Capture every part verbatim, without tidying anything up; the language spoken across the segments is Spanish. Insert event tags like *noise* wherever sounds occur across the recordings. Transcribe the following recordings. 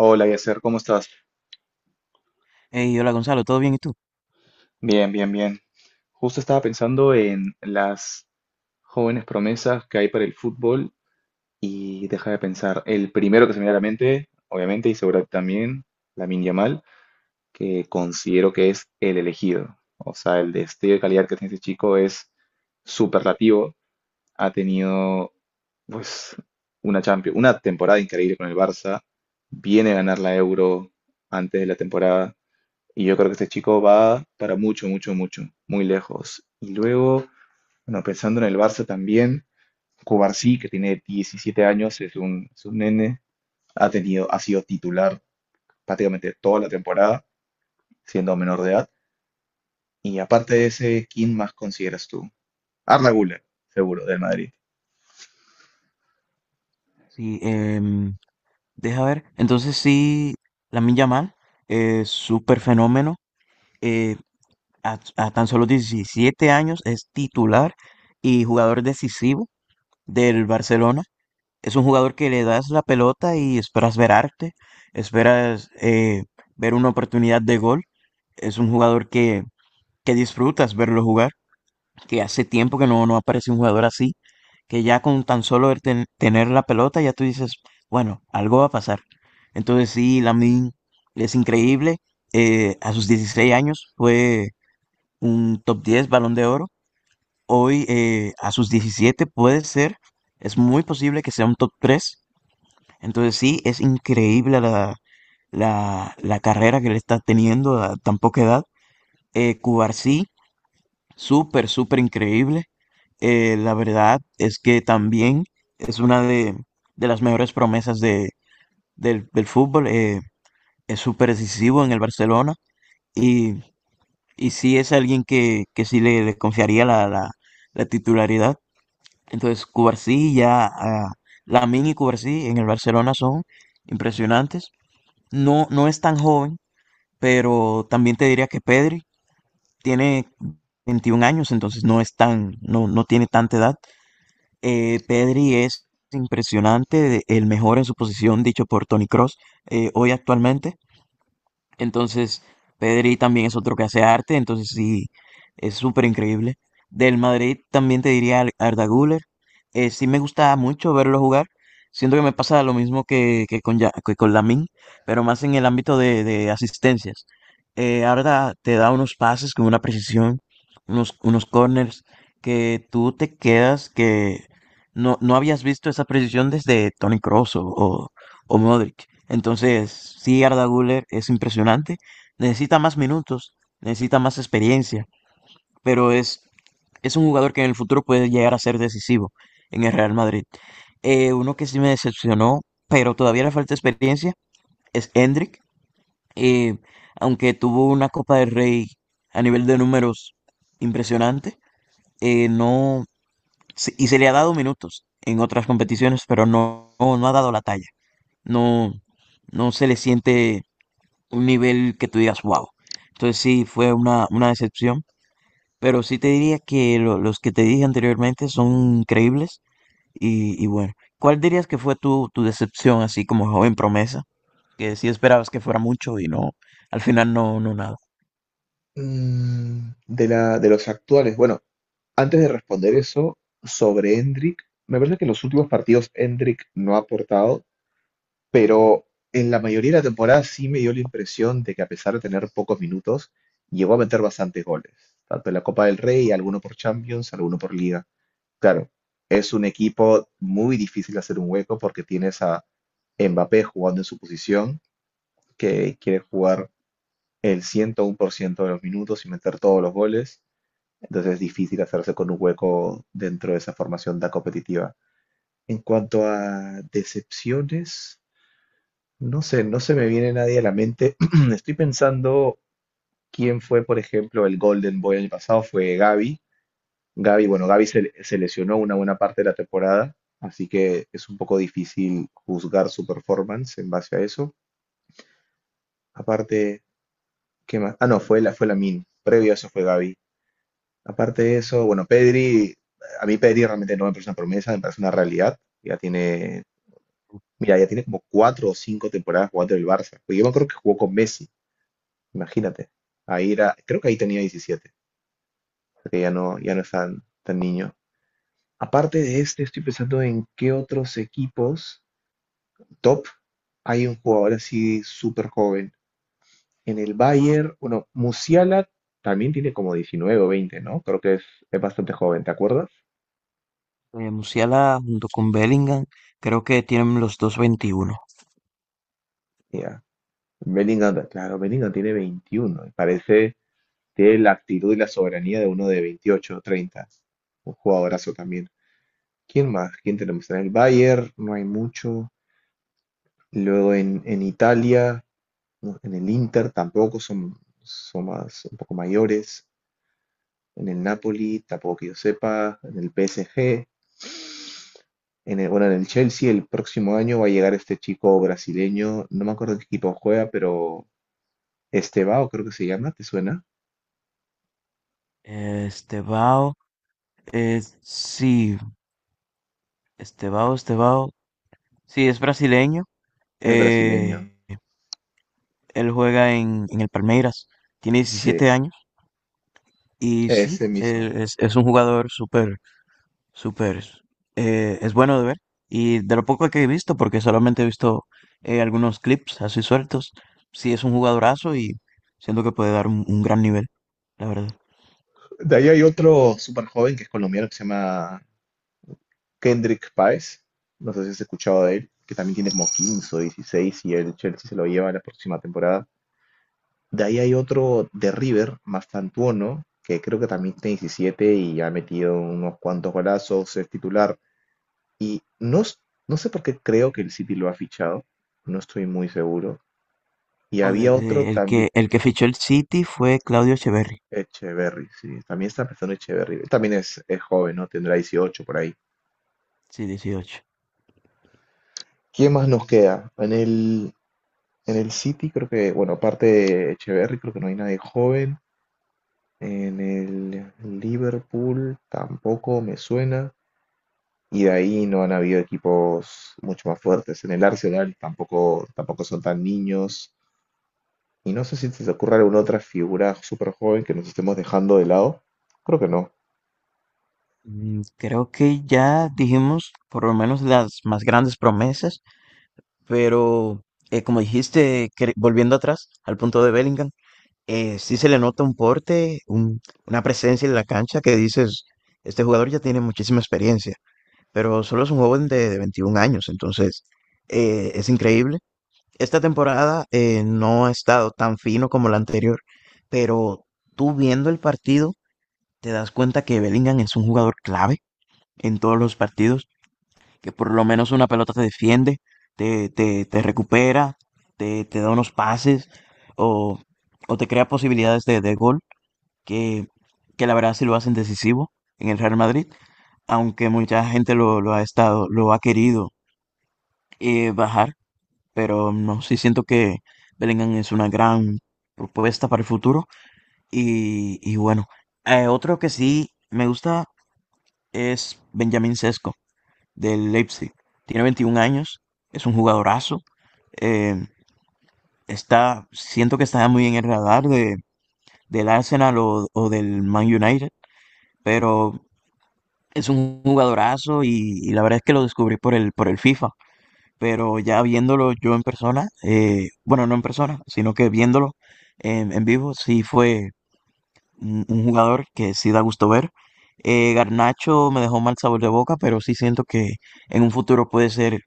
Hola, Yasser, ¿cómo estás? Hey, hola Gonzalo, ¿todo bien y tú? Bien, bien, bien. Justo estaba pensando en las jóvenes promesas que hay para el fútbol y deja de pensar. El primero que se me viene a la mente, obviamente, y seguramente también, Lamine Yamal, que considero que es el elegido. O sea, el destello de calidad que tiene este chico es superlativo. Ha tenido, pues, una Champions, una temporada increíble con el Barça. Viene a ganar la Euro antes de la temporada. Y yo creo que este chico va para mucho, mucho, mucho, muy lejos. Y luego, bueno, pensando en el Barça también, Cubarsí, que tiene diecisiete años, es un, es un nene, ha tenido, ha sido titular prácticamente toda la temporada, siendo menor de edad. Y aparte de ese, ¿quién más consideras tú? Arda Güler, seguro, del Madrid. Sí, em, deja ver. Entonces sí, Lamine Yamal, es súper fenómeno. eh, a, a tan solo diecisiete años es titular y jugador decisivo del Barcelona. Es un jugador que le das la pelota y esperas ver arte, esperas eh, ver una oportunidad de gol. Es un jugador que, que disfrutas verlo jugar. Que hace tiempo que no, no aparece un jugador así, que ya con tan solo el ten- tener la pelota, ya tú dices, bueno, algo va a pasar. Entonces sí, Lamine es increíble. Eh, a sus dieciséis años fue un top diez Balón de Oro. Hoy eh, a sus diecisiete puede ser, es muy posible que sea un top tres. Entonces sí, es increíble la, la, la carrera que le está teniendo a tan poca edad. Eh, Cubarsí, súper, súper increíble. Eh, la verdad es que también es una de, de las mejores promesas de, del, del fútbol. Eh, es súper decisivo en el Barcelona y, y sí es alguien que, que sí le, le confiaría la, la, la titularidad. Entonces, Cubarsí ya, ah, Lamine y Cubarsí en el Barcelona son impresionantes. No, no es tan joven, pero también te diría que Pedri tiene veintiún años, entonces no es tan, no, no tiene tanta edad. Eh, Pedri es impresionante, de- el mejor en su posición dicho por Tony Cross hoy actualmente. Entonces, Pedri también es otro que hace arte, entonces sí, es súper increíble. Del Madrid también te diría Ar- Arda Güler. Eh, sí me gusta mucho verlo jugar. Siento que me pasa lo mismo que, que con, Ya- que con Lamine, pero más en el ámbito de, de asistencias. Eh, Arda te da unos pases con una precisión, unos, unos corners, que tú te quedas que no, no habías visto esa precisión desde Toni Kroos o, o o Modric. Entonces, sí, Arda Güler es impresionante. Necesita más minutos, necesita más experiencia, pero es, es un jugador que en el futuro puede llegar a ser decisivo en el Real Madrid. Eh, uno que sí me decepcionó, pero todavía le falta experiencia, es Hendrik. Eh, aunque tuvo una Copa del Rey a nivel de números impresionante, eh, no, se- y se le ha dado minutos en otras competiciones, pero no, no, no ha dado la talla. No, no se le siente un nivel que tú digas, wow. Entonces sí, fue una, una decepción, pero sí te diría que lo- los que te dije anteriormente son creíbles y, y bueno, ¿cuál dirías que fue tu, tu decepción así como joven promesa? Que sí esperabas que fuera mucho y no, al final no, no nada. Mm, de la, de los actuales, bueno, antes de responder eso, sobre Endrick, me parece que en los últimos partidos Endrick no ha aportado, pero en la mayoría de la temporada sí me dio la impresión de que, a pesar de tener pocos minutos, llegó a meter bastantes goles, tanto en la Copa del Rey, alguno por Champions, alguno por Liga. Claro, es un equipo muy difícil de hacer un hueco porque tienes a Mbappé jugando en su posición, que quiere jugar el ciento uno por ciento de los minutos y meter todos los goles. Entonces es difícil hacerse con un hueco dentro de esa formación tan competitiva. En cuanto a decepciones, no sé, no se me viene nadie a la mente. *clears throat* Estoy pensando quién fue, por ejemplo, el Golden Boy el año pasado, fue Gavi. Gavi, bueno, Gavi se, se lesionó una buena parte de la temporada, así que es un poco difícil juzgar su performance en base a eso. Aparte, ¿qué más? Ah, no, fue la, fue Min, previo a eso fue Gavi. Aparte de eso, bueno, Pedri, a mí Pedri realmente no me parece una promesa, me parece una realidad. Ya tiene, mira, ya tiene como cuatro o cinco temporadas jugando en el Barça. Porque yo me acuerdo que jugó con Messi. Imagínate. Ahí era, creo que ahí tenía diecisiete, porque ya no, ya no es tan, tan niño. Aparte de este, estoy pensando en qué otros equipos top hay un jugador así súper joven. En el Bayern, bueno, Musiala también tiene como diecinueve, o veinte, ¿no? Creo que es, es bastante joven, ¿te acuerdas? Eh, Musiala junto con Bellingham, creo que tienen los dos veintiuno. Ya. Bellingham, claro, Bellingham tiene veintiuno, y parece, tiene la actitud y la soberanía de uno de veintiocho, o treinta. Un jugadorazo también. ¿Quién más? ¿Quién tenemos? En el Bayern no hay mucho. Luego en, en Italia, ¿no? En el Inter tampoco son, son más, un poco mayores. En el Napoli, tampoco que yo sepa. En el P S G, en el, bueno, en el Chelsea el próximo año va a llegar este chico brasileño. No me acuerdo en qué equipo juega, pero Estevao creo que se llama, ¿te suena? Eh, Estebao, eh, sí, Estebao, Estebao, sí, es brasileño. Es brasileño. eh, Él juega en, en el Palmeiras, tiene Sí, diecisiete años y sí, ese mismo. él es, es un jugador súper, súper, eh, es bueno de ver. Y de lo poco que he visto, porque solamente he visto eh, algunos clips así sueltos, sí es un jugadorazo y siento que puede dar un un gran nivel, la verdad. De ahí hay otro súper joven que es colombiano que se llama Kendrick Páez, no sé si has escuchado de él, que también tiene como quince o dieciséis y el Chelsea se lo lleva la próxima temporada. De ahí hay otro de River, Mastantuono, que creo que también tiene diecisiete y ha metido unos cuantos golazos, es titular. Y no, s- no sé por qué creo que el City lo ha fichado, no estoy muy seguro. Y O de- había otro de- el también, que, el que fichó el City fue Claudio Echeverri, Echeverry, sí, también está empezando Echeverry. Él también es, es joven, ¿no? Tendrá dieciocho por ahí. sí, dieciocho. ¿Quién más nos queda? En el, En el City creo que, bueno, aparte de Echeverry, creo que no hay nadie joven. En el Liverpool tampoco me suena. Y de ahí no han habido equipos mucho más fuertes. En el Arsenal tampoco, tampoco son tan niños. Y no sé si se te ocurre alguna otra figura súper joven que nos estemos dejando de lado. Creo que no. Mm, creo que ya dijimos por lo menos las más grandes promesas, pero eh, como dijiste, cre- volviendo atrás al punto de Bellingham, eh, sí se le nota un porte, un- una presencia en la cancha que dices, este jugador ya tiene muchísima experiencia, pero solo es un joven de, de veintiún años, entonces eh, es increíble. Esta temporada eh, no ha estado tan fino como la anterior, pero tú viendo el partido te das cuenta que Bellingham es un jugador clave en todos los partidos, que por lo menos una pelota te defiende, te, te, te recupera, te, te da unos pases o, o te crea posibilidades de, de gol, que, que la verdad sí lo hacen decisivo en el Real Madrid, aunque mucha gente lo, lo ha estado, lo ha querido eh, bajar. Pero no, sí siento que Bellingham es una gran propuesta para el futuro. Y, y bueno, eh, otro que sí me gusta es Benjamin Sesko del Leipzig. Tiene veintiún años, es un jugadorazo. Eh, está, siento que está muy en el radar de, del Arsenal o, o del Man United, pero es un jugadorazo y, y la verdad es que lo descubrí por el, por el FIFA. Pero ya viéndolo yo en persona, eh, bueno, no en persona, sino que viéndolo en, en vivo, sí fue un, un jugador que sí da gusto ver. Eh, Garnacho me dejó mal sabor de boca, pero sí siento que en un futuro puede ser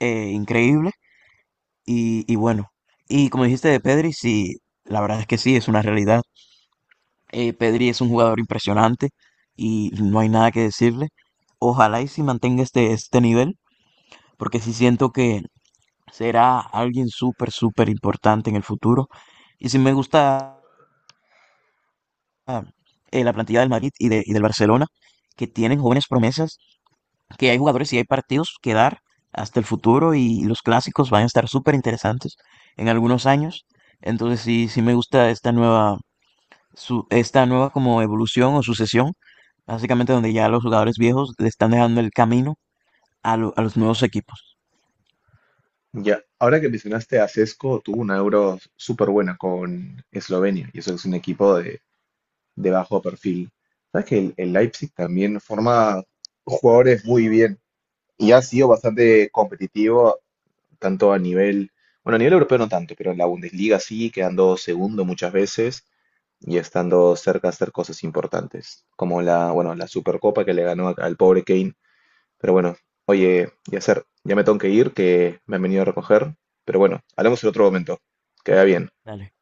eh, increíble y, y bueno. Y como dijiste de Pedri, sí, la verdad es que sí, es una realidad. Eh, Pedri es un jugador impresionante y no hay nada que decirle. Ojalá y si mantenga este, este nivel, porque sí siento que será alguien súper, súper importante en el futuro. Y si me gusta ah, eh, la plantilla del Madrid y, de- y del Barcelona, que tienen jóvenes promesas, que hay jugadores y hay partidos que dar hasta el futuro y los clásicos van a estar súper interesantes en algunos años. Entonces sí, sí me gusta esta nueva, su- esta nueva como evolución o sucesión, básicamente donde ya los jugadores viejos le están dejando el camino a, lo- a los nuevos equipos. Ya, ahora que mencionaste a Sesco, tuvo una Euro súper buena con Eslovenia. Y eso es un equipo de, de bajo perfil. Sabes que el, el Leipzig también forma jugadores muy bien y ha sido bastante competitivo, tanto a nivel, bueno, a nivel europeo no tanto, pero en la Bundesliga sí, quedando segundo muchas veces y estando cerca de hacer cosas importantes, como la, bueno, la Supercopa que le ganó a- al pobre Kane. Pero bueno, oye, Yasser, ya me tengo que ir, que me han venido a recoger. Pero bueno, hablamos en otro momento. Queda bien. Dale.